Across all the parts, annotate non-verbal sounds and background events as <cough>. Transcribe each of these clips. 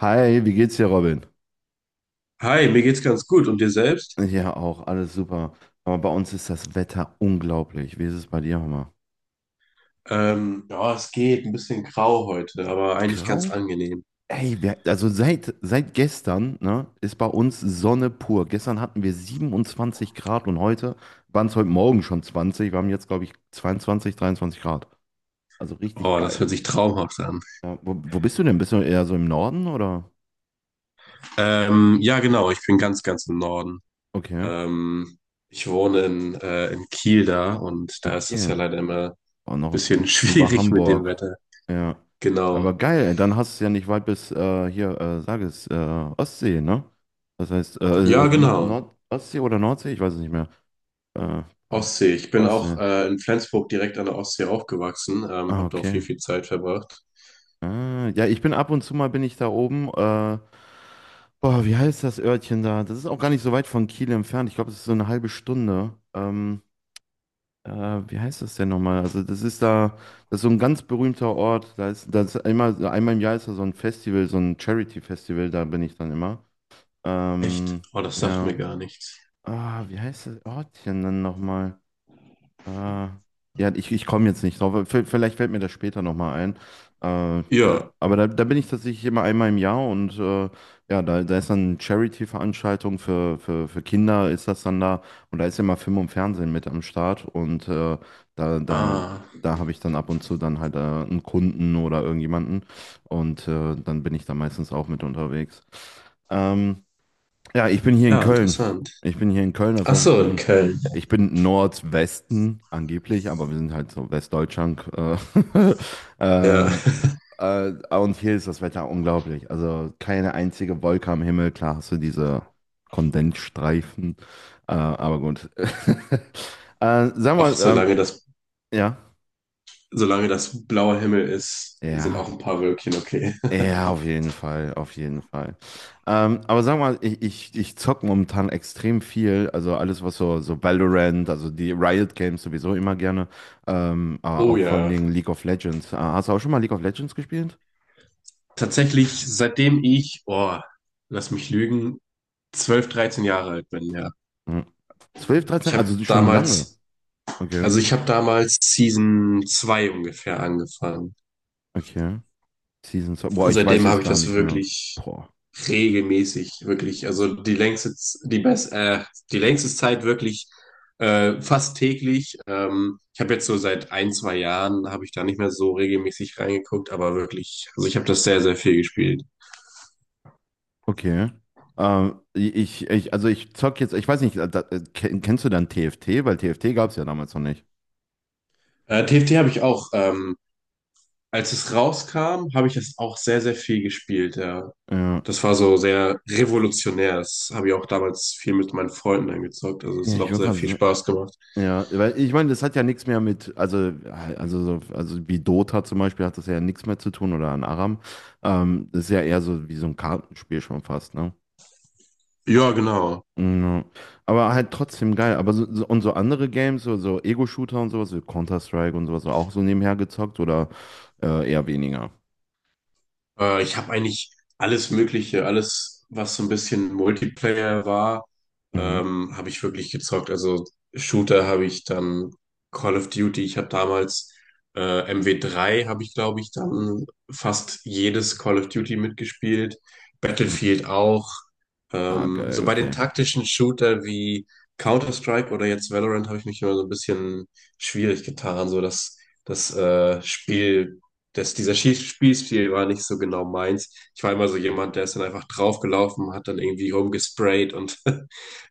Hi, wie geht's dir, Robin? Hi, mir geht's ganz gut. Und dir selbst? Ja, auch, alles super. Aber bei uns ist das Wetter unglaublich. Wie ist es bei dir, Hammer? Ja, es geht ein bisschen grau heute, aber eigentlich ganz Grau? angenehm. Ey, wir, also seit gestern, ne, ist bei uns Sonne pur. Gestern hatten wir 27 Grad und heute waren es heute Morgen schon 20. Wir haben jetzt, glaube ich, 22, 23 Grad. Also richtig Oh, das geil. hört sich traumhaft an. Ja, wo bist du denn? Bist du eher so im Norden oder? Ja, genau, ich bin ganz im Norden. Okay. Ähm, ich wohne in Kiel da und In da ist das Kiel. ja leider immer ein Oh, noch bisschen <laughs> über schwierig mit dem Hamburg. Wetter. Ja. Aber Genau. geil, ey, dann hast du es ja nicht weit bis hier, sag es, Ostsee, ne? Das heißt, Ja, oder Nord genau. Nord Ostsee oder Nordsee, ich weiß es nicht mehr. Äh, oh, Ostsee. Ich bin auch Ostsee. In Flensburg direkt an der Ostsee aufgewachsen, Ah, habe da auch okay. viel Zeit verbracht. Ah, ja, ich bin ab und zu mal bin ich da oben. Boah, wie heißt das Örtchen da? Das ist auch gar nicht so weit von Kiel entfernt. Ich glaube, es ist so eine halbe Stunde. Äh, wie heißt das denn nochmal? Also, das ist so ein ganz berühmter Ort. Da ist einmal im Jahr ist da so ein Festival, so ein Charity-Festival, da bin ich dann immer. Echt? Ähm, Oh, das sagt mir ja. gar nichts. Ah, wie heißt das Ortchen dann nochmal? Äh, ja, ich komme jetzt nicht drauf, aber vielleicht fällt mir das später nochmal ein. Äh, ja, Ja. aber da bin ich tatsächlich immer einmal im Jahr und ja, da ist dann Charity-Veranstaltung für Kinder, ist das dann da. Und da ist immer Film und Fernsehen mit am Start. Und da, da, Ah, da habe ich dann ab und zu dann halt einen Kunden oder irgendjemanden. Und dann bin ich da meistens auch mit unterwegs. Ähm, ja, ich bin hier in ja, Köln. interessant. Ich bin hier in Köln, das Ach heißt, ich so, in bin, Köln. ich bin Nordwesten angeblich, aber wir sind halt so Westdeutschland. <laughs> Ja. ähm, äh, und hier ist das Wetter unglaublich. Also keine einzige Wolke am Himmel. Klar hast du diese Kondensstreifen, aber gut. <laughs> Sag Ach, mal, solange das, ja, solange das blauer Himmel ist, sind auch ja. ein paar Wölkchen okay. Ja, auf jeden Fall, auf jeden Fall. Aber sag mal, ich zocke momentan extrem viel, also alles, was so Valorant, also die Riot Games sowieso immer gerne, aber Oh auch vor allen ja. Dingen League of Legends. Hast du auch schon mal League of Legends gespielt? Tatsächlich, seitdem ich, oh, lass mich lügen, 12 13 Jahre alt bin, ja. Mhm. 12, 13, Ich habe also schon lange. damals, Okay, also ich habe damals Season 2 ungefähr angefangen. okay. Season 2 boah, Und ich weiß seitdem jetzt habe ich gar das nicht mehr. wirklich Boah, regelmäßig, wirklich. Also die längste, Z- die best, die längste Zeit wirklich fast täglich. Ich habe jetzt so seit ein, zwei Jahren habe ich da nicht mehr so regelmäßig reingeguckt, aber wirklich, also ich habe das sehr, sehr viel gespielt. okay. Also ich zock jetzt, ich weiß nicht, da, kennst du dann TFT? Weil TFT gab es ja damals noch nicht. TFT habe ich auch, als es rauskam, habe ich das auch sehr, sehr viel gespielt, ja. Ja. Das war so sehr revolutionär. Das habe ich auch damals viel mit meinen Freunden eingezockt. Also es Ja, hat ich auch würde sehr gerade viel sagen. Spaß gemacht. Ja, weil ich meine, das hat ja nichts mehr mit, also wie Dota zum Beispiel hat das ja nichts mehr zu tun oder an Aram. Das ist ja eher so wie so ein Kartenspiel schon fast, ne? Ja, genau. Mm, ja. Aber halt trotzdem geil. Aber und so andere Games, so Ego-Shooter und sowas, wie Counter-Strike und sowas, auch so nebenher gezockt oder eher weniger? Ich habe eigentlich alles Mögliche, alles, was so ein bisschen Multiplayer war, Mhm. Habe ich wirklich gezockt. Also Shooter habe ich dann Call of Duty, ich habe damals MW 3, habe ich, glaube ich, dann fast jedes Call of Duty mitgespielt. Ja. Battlefield auch. Ah, geil, So bei den okay. taktischen Shooter wie Counter-Strike oder jetzt Valorant habe ich mich immer so ein bisschen schwierig getan, so das, das Spiel dieser Schieß- Spielstil war nicht so genau meins. Ich war immer so jemand, der ist dann einfach draufgelaufen, hat dann irgendwie rumgesprayt und <laughs>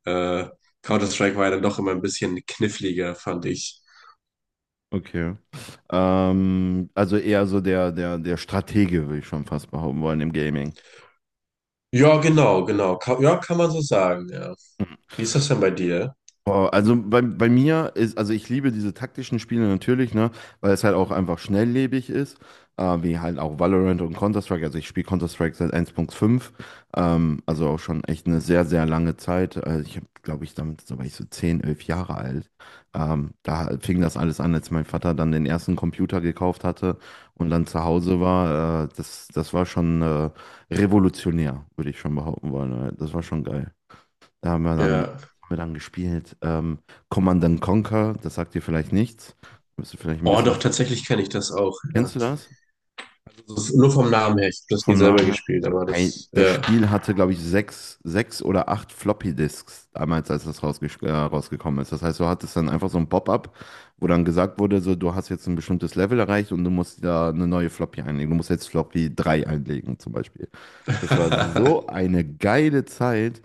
äh, Counter-Strike war ja dann doch immer ein bisschen kniffliger, fand ich. Okay. Also eher so der Stratege, würde ich schon fast behaupten wollen, im Gaming. Ja, genau. Ka ja, kann man so sagen, ja. Wie ist das denn bei dir? Boah, also bei mir ist, also ich liebe diese taktischen Spiele natürlich, ne, weil es halt auch einfach schnelllebig ist, wie halt auch Valorant und Counter-Strike. Also ich spiele Counter-Strike seit 1.5, also auch schon echt eine sehr, sehr lange Zeit. Also ich habe, glaube ich, damit, da war ich so 10, 11 Jahre alt. Da fing das alles an, als mein Vater dann den ersten Computer gekauft hatte und dann zu Hause war. Das war schon revolutionär, würde ich schon behaupten wollen. Das war schon geil. Da haben wir dann, Ja. haben wir dann gespielt. Command and Conquer, das sagt dir vielleicht nichts. Bist du vielleicht ein Oh, doch, bisschen. tatsächlich kenne ich das auch, ja. Kennst du das? Das ist nur vom Namen her. Ich habe das nie Vom Namen selber her? gespielt, aber Hey, das, das ja. Spiel hatte, glaube ich, sechs, sechs oder acht Floppy-Disks damals, als das rausgekommen ist. Das heißt, du hattest dann einfach so ein Pop-up, wo dann gesagt wurde, so, du hast jetzt ein bestimmtes Level erreicht und du musst da eine neue Floppy einlegen. Du musst jetzt Floppy 3 einlegen, zum Beispiel. Das war <laughs> so eine geile Zeit.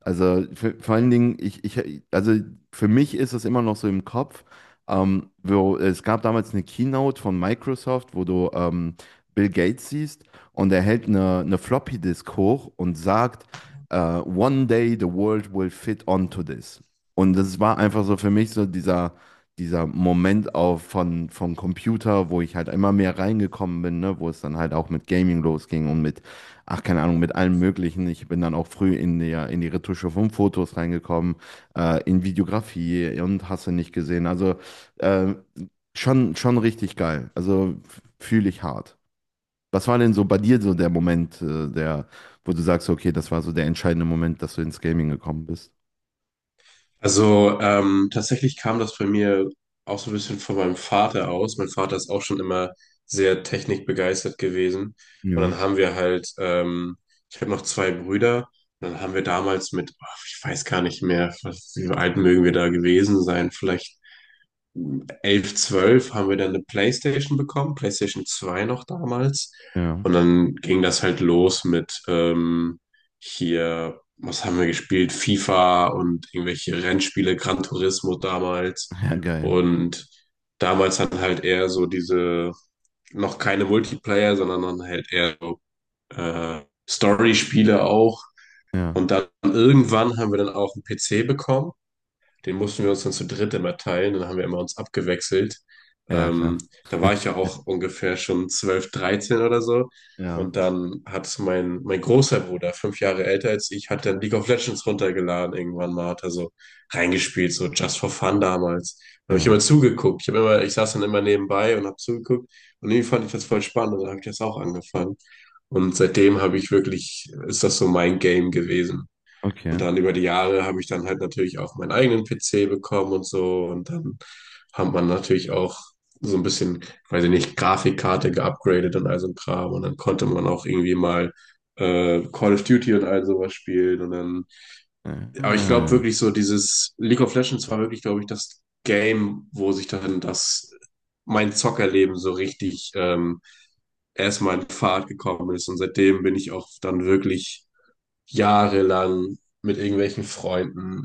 Also vor allen Dingen, also für mich ist es immer noch so im Kopf. Es gab damals eine Keynote von Microsoft, wo du Bill Gates siehst und er hält eine Floppy Disk hoch und sagt, One day the world will fit onto this. Und das war einfach so für mich so dieser Moment vom Computer, wo ich halt immer mehr reingekommen bin, ne, wo es dann halt auch mit Gaming losging und mit ach, keine Ahnung, mit allem Möglichen. Ich bin dann auch früh in die Retusche von Fotos reingekommen, in Videografie und hast du nicht gesehen. Also äh, schon richtig geil. Also fühle ich hart. Was war denn so bei dir so der Moment, wo du sagst, okay, das war so der entscheidende Moment, dass du ins Gaming gekommen bist? Also tatsächlich kam das bei mir auch so ein bisschen von meinem Vater aus. Mein Vater ist auch schon immer sehr technikbegeistert gewesen. Und Ja, dann haben wir halt, ich habe noch 2 Brüder. Und dann haben wir damals mit, ach, ich weiß gar nicht mehr, was, wie alt mögen wir da gewesen sein, vielleicht 11, 12 haben wir dann eine PlayStation bekommen, PlayStation 2 noch damals. ja. Und dann ging das halt los mit hier, was haben wir gespielt? FIFA und irgendwelche Rennspiele, Gran Turismo damals. <laughs> Ja, geil. Und damals dann halt eher so diese, noch keine Multiplayer, sondern dann halt eher so äh, Story-Spiele auch. Ja, Und dann irgendwann haben wir dann auch einen PC bekommen. Den mussten wir uns dann zu dritt immer teilen. Dann haben wir immer uns abgewechselt. ja, klar. Ähm, da war ich ja auch ungefähr schon 12, 13 oder so. Ja, Und dann hat mein großer Bruder, 5 Jahre älter als ich, hat dann League of Legends runtergeladen irgendwann mal, hat er so reingespielt, so just for fun damals. Da habe ich ja. immer zugeguckt. Ich habe immer, ich saß dann immer nebenbei und habe zugeguckt. Und irgendwie fand ich das voll spannend und dann habe ich das auch angefangen. Und seitdem habe ich wirklich, ist das so mein Game gewesen. Und Okay. dann über die Jahre habe ich dann halt natürlich auch meinen eigenen PC bekommen und so. Und dann hat man natürlich auch so ein bisschen, weiß ich nicht, Grafikkarte geupgradet und all so ein Kram. Und dann konnte man auch irgendwie mal Call of Duty und all sowas spielen. Und dann, Ja. aber ich glaube Ah, wirklich so, dieses League of Legends war wirklich, glaube ich, das Game, wo sich dann das, mein Zockerleben so richtig erstmal in Fahrt gekommen ist. Und seitdem bin ich auch dann wirklich jahrelang mit irgendwelchen Freunden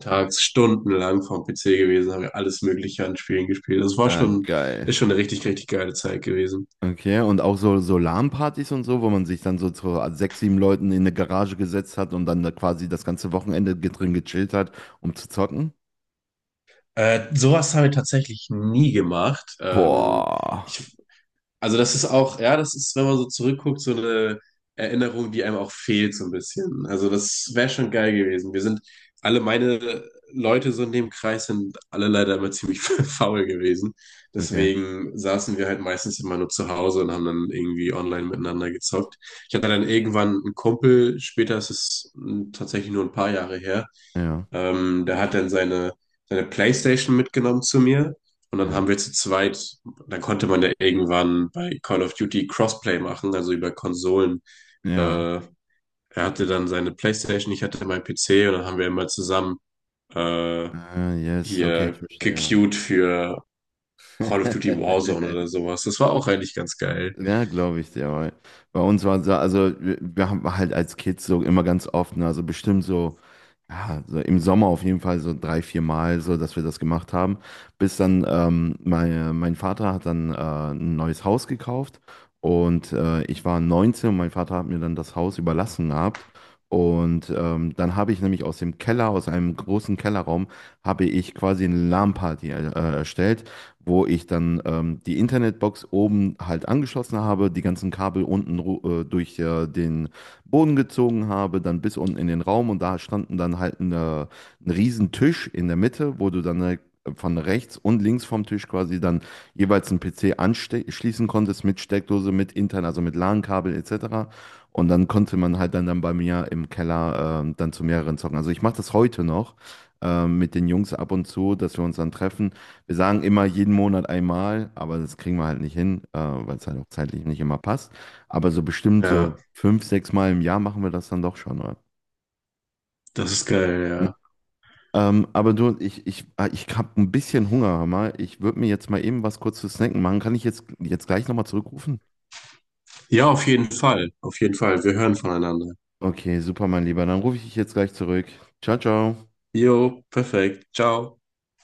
tags stundenlang vorm PC gewesen, haben wir alles Mögliche an Spielen gespielt. Das war ah, schon, geil. ist schon eine richtig, richtig geile Zeit gewesen. Okay, und auch so LAN-Partys und so, wo man sich dann so zu sechs, sieben Leuten in eine Garage gesetzt hat und dann da quasi das ganze Wochenende drin gechillt hat, um zu zocken? Sowas haben wir tatsächlich nie gemacht. Boah. Ich Also das ist auch, ja, das ist, wenn man so zurückguckt, so eine Erinnerung, die einem auch fehlt so ein bisschen. Also das wäre schon geil gewesen. Wir sind, alle meine Leute so in dem Kreis sind alle leider immer ziemlich <laughs> faul gewesen. Okay, Deswegen saßen wir halt meistens immer nur zu Hause und haben dann irgendwie online miteinander gezockt. Ich hatte dann irgendwann einen Kumpel, später ist es tatsächlich nur ein paar Jahre her, ja, der hat dann seine, seine PlayStation mitgenommen zu mir. Und dann ja, haben wir zu zweit dann konnte man ja irgendwann bei Call of Duty Crossplay machen, also über Konsolen. ja. Äh, er hatte dann seine PlayStation, ich hatte meinen PC und dann haben wir immer zusammen äh, Ah, yes, okay, ich hier verstehe. gequeued für Call of Duty Warzone oder <laughs> sowas. Das war auch eigentlich ganz geil. Ja, glaube ich dir, weil bei uns war so, also wir haben halt als Kids so immer ganz oft, ne, also bestimmt so, ja, so im Sommer auf jeden Fall so drei, vier Mal so, dass wir das gemacht haben, bis dann mein Vater hat dann ein neues Haus gekauft und ich war 19 und mein Vater hat mir dann das Haus überlassen gehabt und dann habe ich nämlich aus dem Keller, aus einem großen Kellerraum, habe ich quasi eine LAN-Party erstellt, wo ich dann die Internetbox oben halt angeschlossen habe, die ganzen Kabel unten durch den Boden gezogen habe, dann bis unten in den Raum und da standen dann halt ein riesen Tisch in der Mitte, wo du dann von rechts und links vom Tisch quasi dann jeweils einen PC anschließen konntest mit Steckdose, mit intern, also mit LAN-Kabel etc. Und dann konnte man halt dann, bei mir im Keller dann zu mehreren zocken. Also ich mache das heute noch mit den Jungs ab und zu, dass wir uns dann treffen. Wir sagen immer jeden Monat einmal, aber das kriegen wir halt nicht hin, weil es halt auch zeitlich nicht immer passt. Aber so bestimmt so Ja, fünf, sechs Mal im Jahr machen wir das dann doch schon, oder? das ist geil, ja. Aber du, ah, ich habe ein bisschen Hunger, hör mal. Ich würde mir jetzt mal eben was kurz zu snacken machen. Kann ich jetzt gleich nochmal zurückrufen? Ja, auf jeden Fall. Auf jeden Fall. Wir hören voneinander. Okay, super, mein Lieber. Dann rufe ich dich jetzt gleich zurück. Ciao, ciao. Jo, perfekt. Ciao.